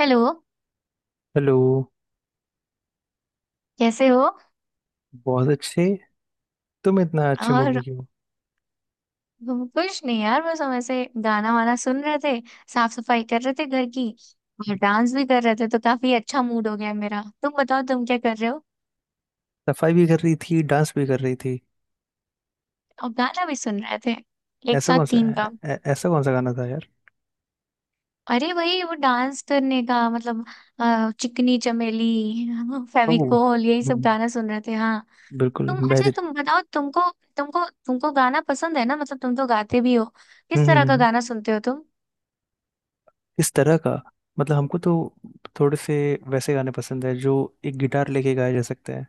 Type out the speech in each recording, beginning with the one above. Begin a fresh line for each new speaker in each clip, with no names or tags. Hello.
Hello.
कैसे हो?
बहुत अच्छे। तुम इतना अच्छे मूड
और
में क्यों हो?
हम कुछ नहीं यार, बस हम ऐसे गाना वाना सुन रहे थे। साफ सफाई कर रहे थे घर की, और डांस भी कर रहे थे, तो काफी अच्छा मूड हो गया मेरा। तुम बताओ, तुम क्या कर रहे हो?
सफाई भी कर रही थी, डांस भी कर रही थी।
और गाना भी सुन रहे थे। एक साथ तीन काम।
ऐसा कौन सा गाना था यार?
अरे वही वो डांस करने का मतलब। चिकनी चमेली,
ओह।
फेविकोल, यही सब
हम्म।
गाना सुन रहे थे। हाँ।
बिल्कुल
तुम। अच्छा,
बेहतरीन।
तुम बताओ। तुमको तुमको तुमको गाना पसंद है ना? मतलब तुम तो गाते भी हो।
हम्म,
किस तरह का गाना सुनते हो तुम?
किस तरह का, मतलब हमको तो थोड़े से वैसे गाने पसंद है जो एक गिटार लेके गाए जा सकते हैं,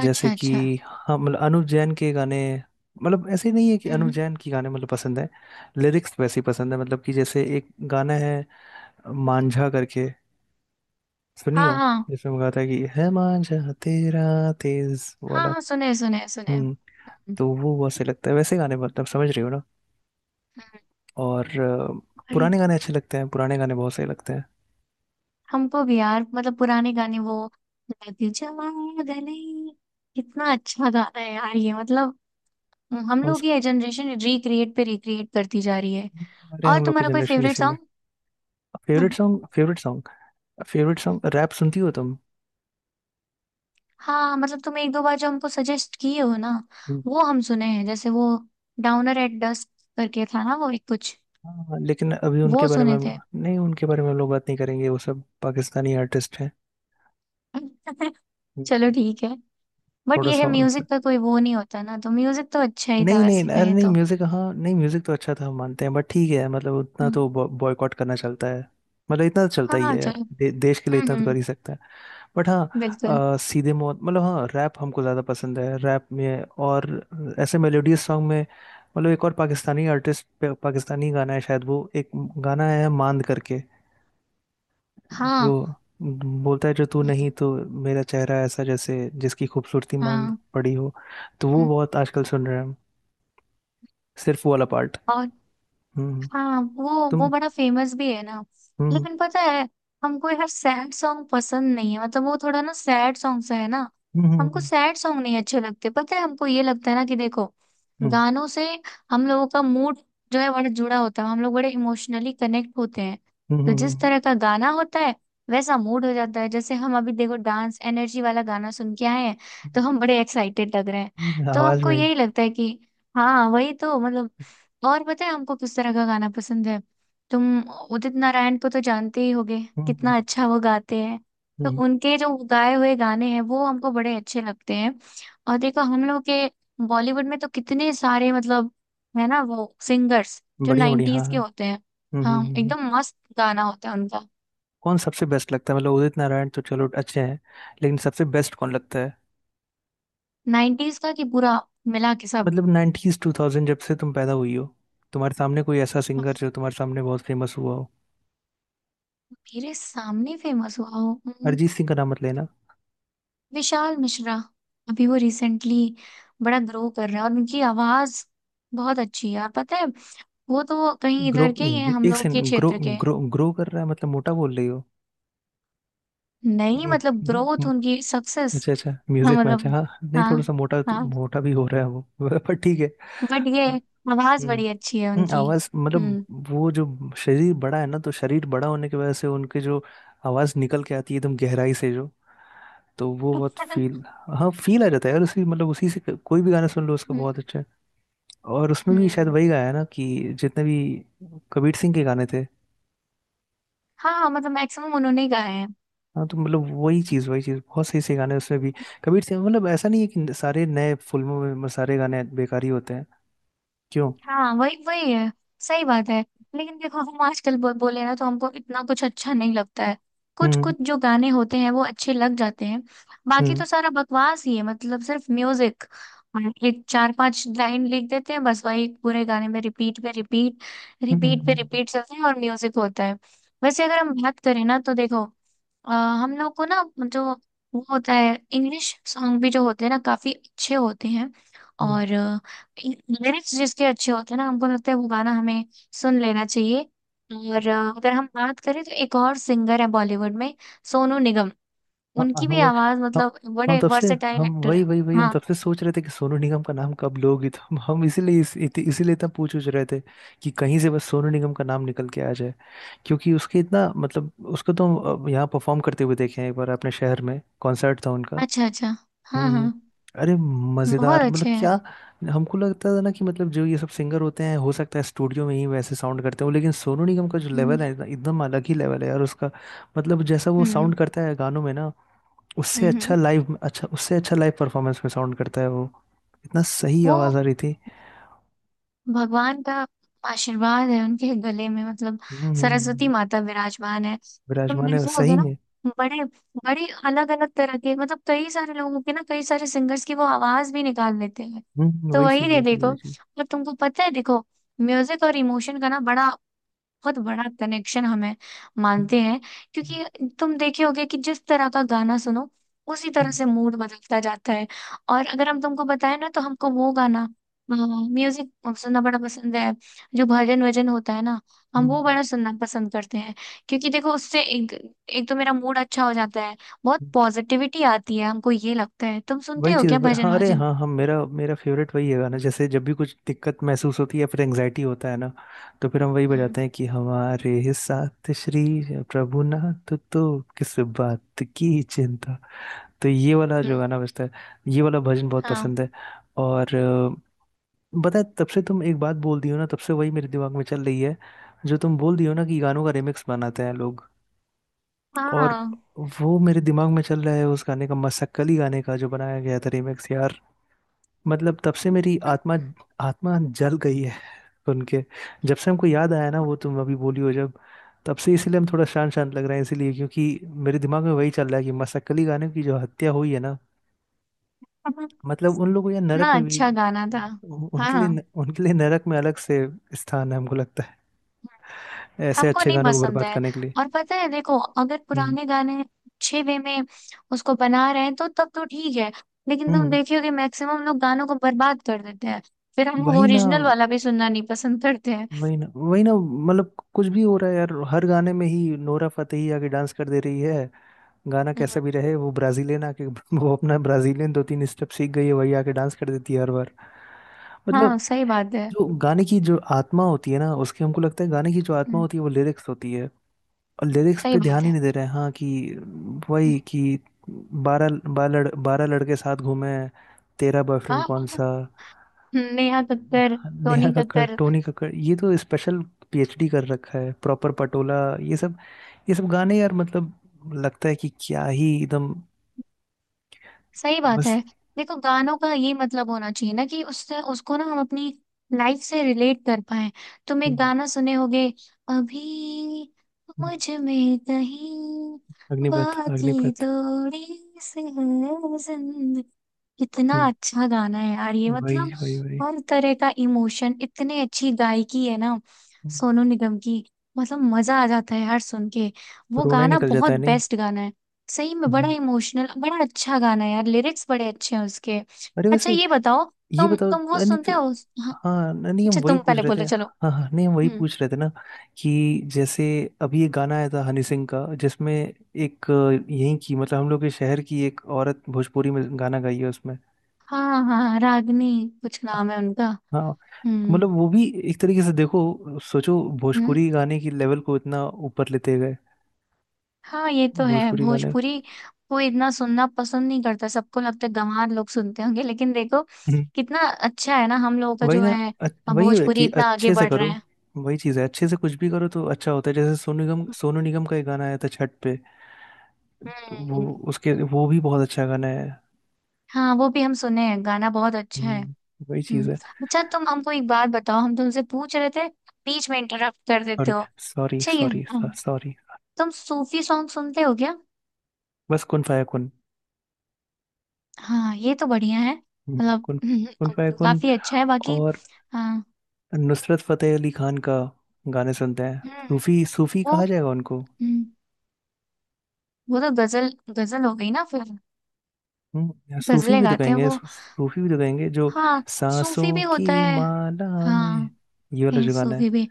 जैसे
अच्छा
कि
अच्छा।
हाँ, मतलब अनुव जैन के गाने। मतलब ऐसे नहीं है कि अनुव
हम्म।
जैन के गाने मतलब पसंद है, लिरिक्स वैसे ही पसंद है। मतलब कि जैसे एक गाना है मांझा करके, सुनियो,
हाँ हाँ।
जिसमें वो गाता है कि है मांझा तेरा, तेज
हाँ
वाला।
हाँ, सुने सुने सुने।
हम्म।
हम्म।
तो वो बहुत सही लगता है वैसे गाने, मतलब समझ रही हो ना।
हम्म।
और
और
पुराने गाने अच्छे लगते हैं, पुराने गाने बहुत सही लगते हैं।
हमको भी यार, मतलब पुराने गाने वो। लग जवा गले, कितना अच्छा गाना है यार ये, मतलब। हम
कौन सा?
लोग, ये जनरेशन रिक्रिएट पे रिक्रिएट करती जा रही है।
हमारे
और
हम लोग के
तुम्हारा कोई
जनरेशन
फेवरेट
इसी में।
Song?
Favourite song, favourite song, favourite song, rap सुनती हो तुम?
हाँ मतलब तुम एक दो बार जो हमको सजेस्ट किए हो ना,
हम्म।
वो हम सुने हैं। जैसे वो डाउनर एट डस्क करके था ना वो एक कुछ,
हाँ, लेकिन अभी उनके
वो
बारे में
सुने
हम,
थे।
नहीं, उनके बारे में हम लोग बात नहीं करेंगे, वो सब पाकिस्तानी आर्टिस्ट हैं।
चलो
हम्म।
ठीक है। बट
थोड़ा
ये है,
सा,
म्यूजिक का कोई वो नहीं होता ना, तो म्यूजिक तो अच्छा ही था
नहीं नहीं,
वैसे
अरे
कहें
नहीं,
तो।
म्यूजिक हाँ, नहीं म्यूजिक तो अच्छा था, हम मानते हैं, बट ठीक है, मतलब उतना
हम्म।
तो बॉयकॉट करना चलता है। मतलब इतना तो चलता ही
हाँ
है यार,
चलो।
देश के लिए इतना तो
हम्म।
कर ही सकता है। बट हाँ,
बिल्कुल।
सीधे मौत, मतलब हाँ, रैप हमको ज़्यादा पसंद है, रैप में और ऐसे मेलोडियस सॉन्ग में। मतलब एक और पाकिस्तानी आर्टिस्ट, पाकिस्तानी गाना है शायद वो, एक गाना है मांद करके जो
हाँ।
बोलता है, जो तू
हम्म।
नहीं तो मेरा चेहरा ऐसा जैसे जिसकी खूबसूरती मांद
हाँ।
पड़ी हो। तो वो
हम्म।
बहुत आजकल सुन रहे हैं हम, सिर्फ वो वाला पार्ट।
और
हम्म।
हाँ, वो
तुम।
बड़ा फेमस भी है ना।
हम्म
लेकिन पता है, हमको यार सैड सॉन्ग पसंद नहीं है। मतलब वो थोड़ा ना सैड सॉन्ग सा है ना।
हम्म,
हमको
हम्म।
सैड सॉन्ग नहीं अच्छे लगते। पता है, हमको ये लगता है ना कि देखो,
हम्म,
गानों से हम लोगों का मूड जो है, बड़ा जुड़ा होता है। हम लोग बड़े इमोशनली कनेक्ट होते हैं।
हम्म,
तो जिस
हम्म,
तरह का गाना होता है, वैसा मूड हो जाता है। जैसे हम अभी देखो, डांस एनर्जी वाला गाना सुन के आए हैं, तो हम बड़े एक्साइटेड लग रहे हैं। तो
आवाज
हमको
में ही।
यही लगता है कि, हाँ वही तो मतलब। और पता है हमको किस तरह का गाना पसंद है? तुम उदित नारायण को तो जानते ही होगे।
हम्म,
कितना अच्छा वो गाते हैं। तो
हम्म।
उनके जो गाए हुए गाने हैं, वो हमको बड़े अच्छे लगते हैं। और देखो हम लोग के बॉलीवुड में तो कितने सारे, मतलब, है ना वो सिंगर्स जो
बढ़िया बढ़िया, हाँ
नाइन्टीज के
हाँ।
होते हैं।
हम्म,
हाँ एकदम मस्त गाना होता है उनका।
कौन सबसे बेस्ट लगता है? मतलब उदित नारायण तो चलो अच्छे हैं, लेकिन सबसे बेस्ट कौन लगता है?
नाइन्टीज का? कि पूरा मिला के सब?
मतलब 90s टू थाउजेंड, जब से तुम पैदा हुई हो, तुम्हारे सामने कोई ऐसा सिंगर जो तुम्हारे सामने बहुत फेमस हुआ हो?
मेरे सामने फेमस हुआ हो?
अरिजीत सिंह का नाम मत लेना।
विशाल मिश्रा। अभी वो रिसेंटली बड़ा ग्रो कर रहा है। और उनकी आवाज बहुत अच्छी है यार, पता है। वो तो कहीं
ग्रो?
इधर के ही हैं, हम
एक
लोग के
सेकंड, ग्रो?
क्षेत्र के।
ग्रो कर रहा है मतलब मोटा बोल रही हो?
नहीं मतलब ग्रोथ,
नहीं,
उनकी सक्सेस।
अच्छा अच्छा, म्यूजिक मैच है,
मतलब।
हाँ नहीं,
हाँ।
थोड़ा सा मोटा,
हाँ।
मोटा भी हो रहा है वो पर ठीक है।
बट ये
हाँ।
आवाज
हम्म,
बड़ी अच्छी है उनकी।
आवाज मतलब
हम्म।
वो जो शरीर बड़ा है ना, तो शरीर बड़ा होने की वजह से उनके जो आवाज निकल के आती है एकदम गहराई से जो, तो वो बहुत फील, हाँ फील आ जाता है यार, उसी मतलब उसी से कोई भी गाना सुन लो उसका
हम्म।
बहुत अच्छा है। और उसमें भी शायद
हम्म।
वही गाया है ना कि जितने भी कबीर सिंह के गाने थे,
हाँ मतलब मैक्सिमम उन्होंने ही गाया है।
हाँ तो मतलब वही चीज़ वही चीज़, बहुत सही सही गाने हैं उसमें भी। कबीर सिंह मतलब ऐसा नहीं है कि सारे नए फिल्मों में सारे गाने बेकार ही होते हैं। क्यों?
हाँ, वही वही है। सही बात है। लेकिन देखो हम आजकल बोले ना, तो हमको इतना कुछ अच्छा नहीं लगता है। कुछ
हम्म,
कुछ जो गाने होते हैं वो अच्छे लग जाते हैं। बाकी
हम्म,
तो सारा बकवास ही है, मतलब सिर्फ म्यूजिक। और एक चार पांच लाइन लिख देते हैं, बस वही पूरे गाने में रिपीट पे रिपीट,
हम्म,
रिपीट पे रिपीट चलते हैं, और म्यूजिक होता है। वैसे अगर हम बात करें ना, तो देखो, अ, हम लोग को ना, जो वो होता है इंग्लिश सॉन्ग भी जो होते हैं ना, काफी अच्छे होते हैं।
हम्म।
और लिरिक्स जिसके अच्छे होते हैं ना, हमको लगता है वो गाना हमें सुन लेना चाहिए। और अगर हम बात करें तो एक और सिंगर है बॉलीवुड में, सोनू निगम।
हाँ, हाँ,
उनकी भी
हम।
आवाज,
हम
मतलब,
हम
बड़े
तब से,
वर्सेटाइल
हम
एक्टर
वही
है।
वही वही, हम
हाँ।
तब से सोच रहे थे कि सोनू निगम का नाम कब लोगी, तो हम इसीलिए इसीलिए इतना पूछ उछ रहे थे कि कहीं से बस सोनू निगम का नाम निकल के आ जाए। क्योंकि उसके इतना मतलब उसको तो हम यहाँ परफॉर्म करते हुए देखे हैं, एक बार अपने शहर में कॉन्सर्ट था उनका।
अच्छा अच्छा। हाँ
हम्म,
हाँ।
अरे
बहुत
मजेदार
अच्छे
मतलब क्या।
हैं।
हमको लगता था ना कि मतलब जो ये सब सिंगर होते हैं हो सकता है स्टूडियो में ही वैसे साउंड करते हो, लेकिन सोनू निगम का जो
हम्म
लेवल है ना, एकदम अलग ही लेवल है यार उसका। मतलब जैसा वो साउंड
हम्म।
करता है गानों में ना, उससे
हम्म।
अच्छा
हम्म।
लाइव, अच्छा, उससे अच्छा लाइव परफॉर्मेंस में साउंड करता है वो। इतना सही
वो
आवाज आ रही थी।
भगवान का आशीर्वाद है उनके गले में, मतलब
हम्म,
सरस्वती माता विराजमान है। तुम
विराजमान है
देखोगे
सही
ना,
में।
बड़े बड़े अलग अलग तरह के, मतलब, कई सारे लोगों के ना, कई सारे सिंगर्स की वो आवाज भी निकाल लेते हैं।
हम्म,
तो
वही
वही
चीज
दे
वही चीज
देखो।
वही चीज।
और तुमको पता है देखो, म्यूजिक और इमोशन का ना बड़ा, बहुत बड़ा कनेक्शन हमें
हम्म,
मानते हैं।
हम्म,
क्योंकि तुम देखे होगे कि जिस तरह का गाना सुनो, उसी तरह
हम्म,
से मूड बदलता जाता है। और अगर हम तुमको बताएं ना, तो हमको वो गाना, म्यूजिक सुनना बड़ा पसंद है जो भजन वजन होता है ना, हम
हम्म,
वो बड़ा सुनना पसंद करते हैं। क्योंकि देखो उससे एक, एक तो मेरा मूड अच्छा हो जाता है, बहुत
हम्म।
पॉजिटिविटी आती है। हमको ये लगता है, तुम सुनते
वही
हो
चीज
क्या
हाँ
भजन
अरे
वजन?
हाँ, हम, मेरा मेरा फेवरेट वही है गाना, जैसे जब भी कुछ दिक्कत महसूस होती है या फिर एंजाइटी होता है ना, तो फिर हम वही
हम्म
बजाते हैं कि हमारे साथ श्री प्रभु नाथ, तो किस बात की चिंता। तो ये वाला जो
हम्म।
गाना बजता है, ये वाला भजन बहुत
हाँ।
पसंद है। और पता है तब से तुम एक बात बोल दी हो ना, तब से वही मेरे दिमाग में चल रही है, जो तुम बोल दी हो ना कि गानों का रिमिक्स बनाते हैं लोग, और
हाँ।
वो मेरे दिमाग में चल रहा है उस गाने का, मसक्कली गाने का जो बनाया गया था रिमिक्स। मतलब तब से मेरी आत्मा, आत्मा जल गई है सुन के। जब से हमको याद आया ना वो तुम अभी बोली हो, जब तब से इसीलिए हम थोड़ा शांत शांत लग रहे हैं, इसीलिए क्योंकि मेरे दिमाग में वही चल रहा है कि मसक्कली गाने की जो हत्या हुई है ना, मतलब उन लोगों या नरक
इतना
में भी,
अच्छा गाना था।
उनके
हाँ।
लिए, उनके लिए नरक में अलग से स्थान है हमको लगता है, ऐसे
हमको
अच्छे
नहीं
गानों को
पसंद
बर्बाद
है।
करने के लिए।
और पता है देखो, अगर
हम्म,
पुराने गाने अच्छे वे में उसको बना रहे हैं, तो तब तो ठीक है। लेकिन तुम
हम्म।
देखियो कि मैक्सिमम लोग गानों को बर्बाद कर देते हैं। फिर हम
वही ना,
ओरिजिनल वाला भी सुनना नहीं पसंद करते हैं।
वही ना, वही ना, मतलब कुछ भी हो रहा है यार, हर गाने में ही नोरा फतेही आके डांस कर दे रही है। गाना
हम्म।
कैसा भी रहे, वो ब्राजीलियन आके वो अपना ब्राजीलियन दो तीन स्टेप सीख गई है, वही आके डांस कर देती है हर बार।
हाँ
मतलब
सही बात है।
जो गाने की जो आत्मा होती है ना उसके, हमको लगता है गाने की जो आत्मा
हम्म।
होती है वो लिरिक्स होती है, और लिरिक्स
सही
पे
बात
ध्यान ही
है।
नहीं दे रहे हैं। हाँ कि
हम्म।
वही कि बारह बारह लड़, बारह लड़के साथ घूमे, तेरा
हाँ।
बॉयफ्रेंड
हाँ।
कौन
हाँ।
सा,
हम्म। नेहा कक्कर,
नेहा
टोनी
कक्कड़,
कक्कर।
टोनी कक्कड़, ये तो स्पेशल पीएचडी कर रखा है प्रॉपर पटोला। ये सब, ये सब गाने यार मतलब, लगता है कि क्या ही एकदम।
सही बात
बस।
है। देखो गानों का ये मतलब होना चाहिए ना, कि उससे उसको ना, हम अपनी लाइफ से रिलेट कर पाए। तुम एक
हम्म,
गाना सुने होगे अभी,
हम्म,
मुझ में कहीं
अग्निपथ
बाकी
अग्निपथ।
थोड़ी सी है जिंदगी। कितना
हम्म,
अच्छा गाना है यार ये,
वही
मतलब
वही वही।
हर तरह का इमोशन, इतने अच्छी गायकी है ना
हम्म,
सोनू निगम की। मतलब मजा आ जाता है हर सुन के। वो
रोना ही
गाना
निकल जाता
बहुत
है नहीं?
बेस्ट गाना है। सही में
हम्म,
बड़ा
हम्म।
इमोशनल, बड़ा अच्छा गाना है यार, लिरिक्स बड़े अच्छे हैं उसके।
अरे
अच्छा
वैसे
ये बताओ,
ये बताओ,
तुम वो
नहीं तो,
सुनते हो? हाँ।
हाँ नहीं हम
अच्छा तुम
वही पूछ
पहले
रहे थे।
बोलो, चलो।
हाँ हाँ नहीं हम वही
हम्म।
पूछ रहे थे ना, कि जैसे अभी एक गाना आया था हनी सिंह का, जिसमें एक यहीं की, मतलब हम लोग के शहर की एक औरत भोजपुरी में गाना गाई है उसमें।
हाँ। हाँ रागनी कुछ नाम है उनका।
हाँ
हम्म।
मतलब वो भी एक तरीके से देखो सोचो,
हम्म।
भोजपुरी गाने की लेवल को इतना ऊपर लेते गए।
हाँ ये तो है
भोजपुरी गाने।
भोजपुरी। कोई इतना सुनना पसंद नहीं करता, सबको लगता है गंवार लोग सुनते होंगे, लेकिन देखो
हम्म,
कितना अच्छा है ना हम लोगों का
वही
जो
ना।
है।
अ- वही है
भोजपुरी
कि
इतना आगे
अच्छे से
बढ़ रहा
करो।
है।
वही चीज़ है, अच्छे से कुछ भी करो तो अच्छा होता है। जैसे सोनू निगम, सोनू निगम का एक गाना आया था छठ पे, तो वो,
हम्म।
उसके वो भी बहुत अच्छा गाना है।
हाँ वो भी हम सुने हैं, गाना बहुत अच्छा है।
हम्म, वही
हम्म।
चीज़ है।
अच्छा तुम हमको एक बात बताओ, हम तुमसे पूछ रहे थे, बीच में इंटरप्ट कर देते
सॉरी,
हो।
सॉरी,
अच्छा ये,
सॉरी,
हाँ,
सॉरी।
तुम सूफी सॉन्ग सुनते हो क्या?
बस कुन फाया कुन।
हाँ ये तो बढ़िया है मतलब।
कुन,
हम्म।
कुन फाया कुन।
काफी अच्छा है बाकी।
और
हाँ।
नुसरत फतेह अली खान का गाने सुनते हैं,
हम्म।
सूफी, सूफी
वो।
कहा जाएगा उनको।
हम्म। वो तो गजल, गजल हो गई ना फिर।
या सूफी
गजलें
भी तो
गाते हैं
कहेंगे,
वो।
सूफी भी तो कहेंगे जो।
हाँ
सांसों
सूफी भी
की
होता है।
माला में,
हाँ,
ये वाला
ये
जो गाना है।
सूफी भी।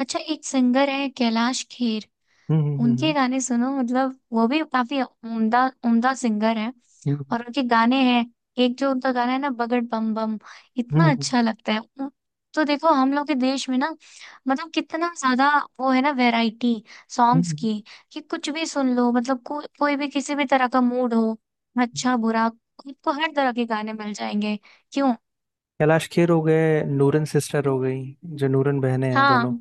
अच्छा एक सिंगर है, कैलाश खेर।
हम्म, हम्म, हम्म,
उनके गाने सुनो मतलब, वो भी काफी उम्दा उम्दा सिंगर है।
हम्म,
और उनके गाने हैं, एक जो उनका गाना है ना, बगड़ बम बम, इतना
हम्म,
अच्छा लगता है। तो देखो हम लोग के देश में ना, मतलब कितना ज्यादा वो है ना वैरायटी
हम्म,
सॉन्ग्स
हम्म।
की, कि कुछ भी सुन लो, मतलब कोई भी किसी भी तरह का मूड हो, अच्छा बुरा, आपको हर तरह के गाने मिल जाएंगे। क्यों?
कैलाश खेर हो गए, नूरन सिस्टर हो गई, जो नूरन बहनें हैं
हाँ।
दोनों,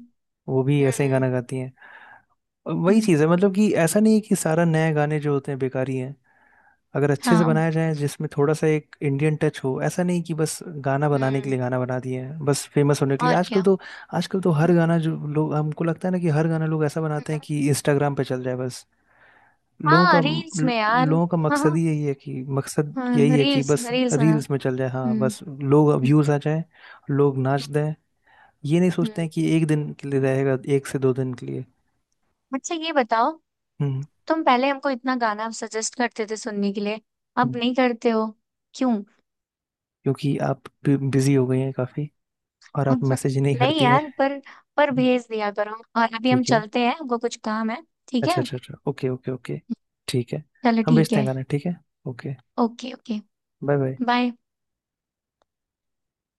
वो भी ऐसे ही
हम्म
गाना गाती हैं। और वही
हम्म।
चीज़ है, मतलब कि ऐसा नहीं है कि सारा नए गाने जो होते हैं बेकारी हैं। अगर अच्छे से
हाँ।
बनाया जाए जिसमें थोड़ा सा एक इंडियन टच हो, ऐसा नहीं कि बस गाना बनाने के
हम्म।
लिए गाना बना दिए हैं बस फेमस होने के लिए।
और
आजकल
क्या।
तो, आजकल तो हर
हम्म।
गाना जो लोग, हमको लगता है ना कि हर गाना लोग ऐसा बनाते
हम्म।
हैं कि इंस्टाग्राम पे चल जाए बस। लोगों का,
हाँ रील्स में यार।
लोगों का मकसद
हाँ।
ही यही है कि, मकसद यही
हाँ
है कि
रील्स,
बस
रील्स बना।
रील्स में चल जाए, हाँ
हम्म
बस, लोग
हम्म।
व्यूज आ जाए, लोग नाच दें। ये नहीं सोचते
हम्म।
हैं कि एक दिन के लिए रहेगा, एक से दो दिन के लिए।
अच्छा ये बताओ,
हम्म,
तुम पहले हमको इतना गाना सजेस्ट करते थे सुनने के लिए, अब
हम्म।
नहीं करते हो। क्यों?
क्योंकि आप बिजी हो गई हैं काफी, और आप मैसेज नहीं
नहीं
करती हैं।
यार, पर
हम्म।
भेज दिया करो। और अभी हम
ठीक है,
चलते हैं, हमको कुछ काम है। ठीक है।
अच्छा अच्छा अच्छा, ओके ओके ओके, ठीक है,
चलो
हम
ठीक
भेजते हैं
है।
गाना, ठीक है, okay,
okay okay.
Bye bye.
Bye.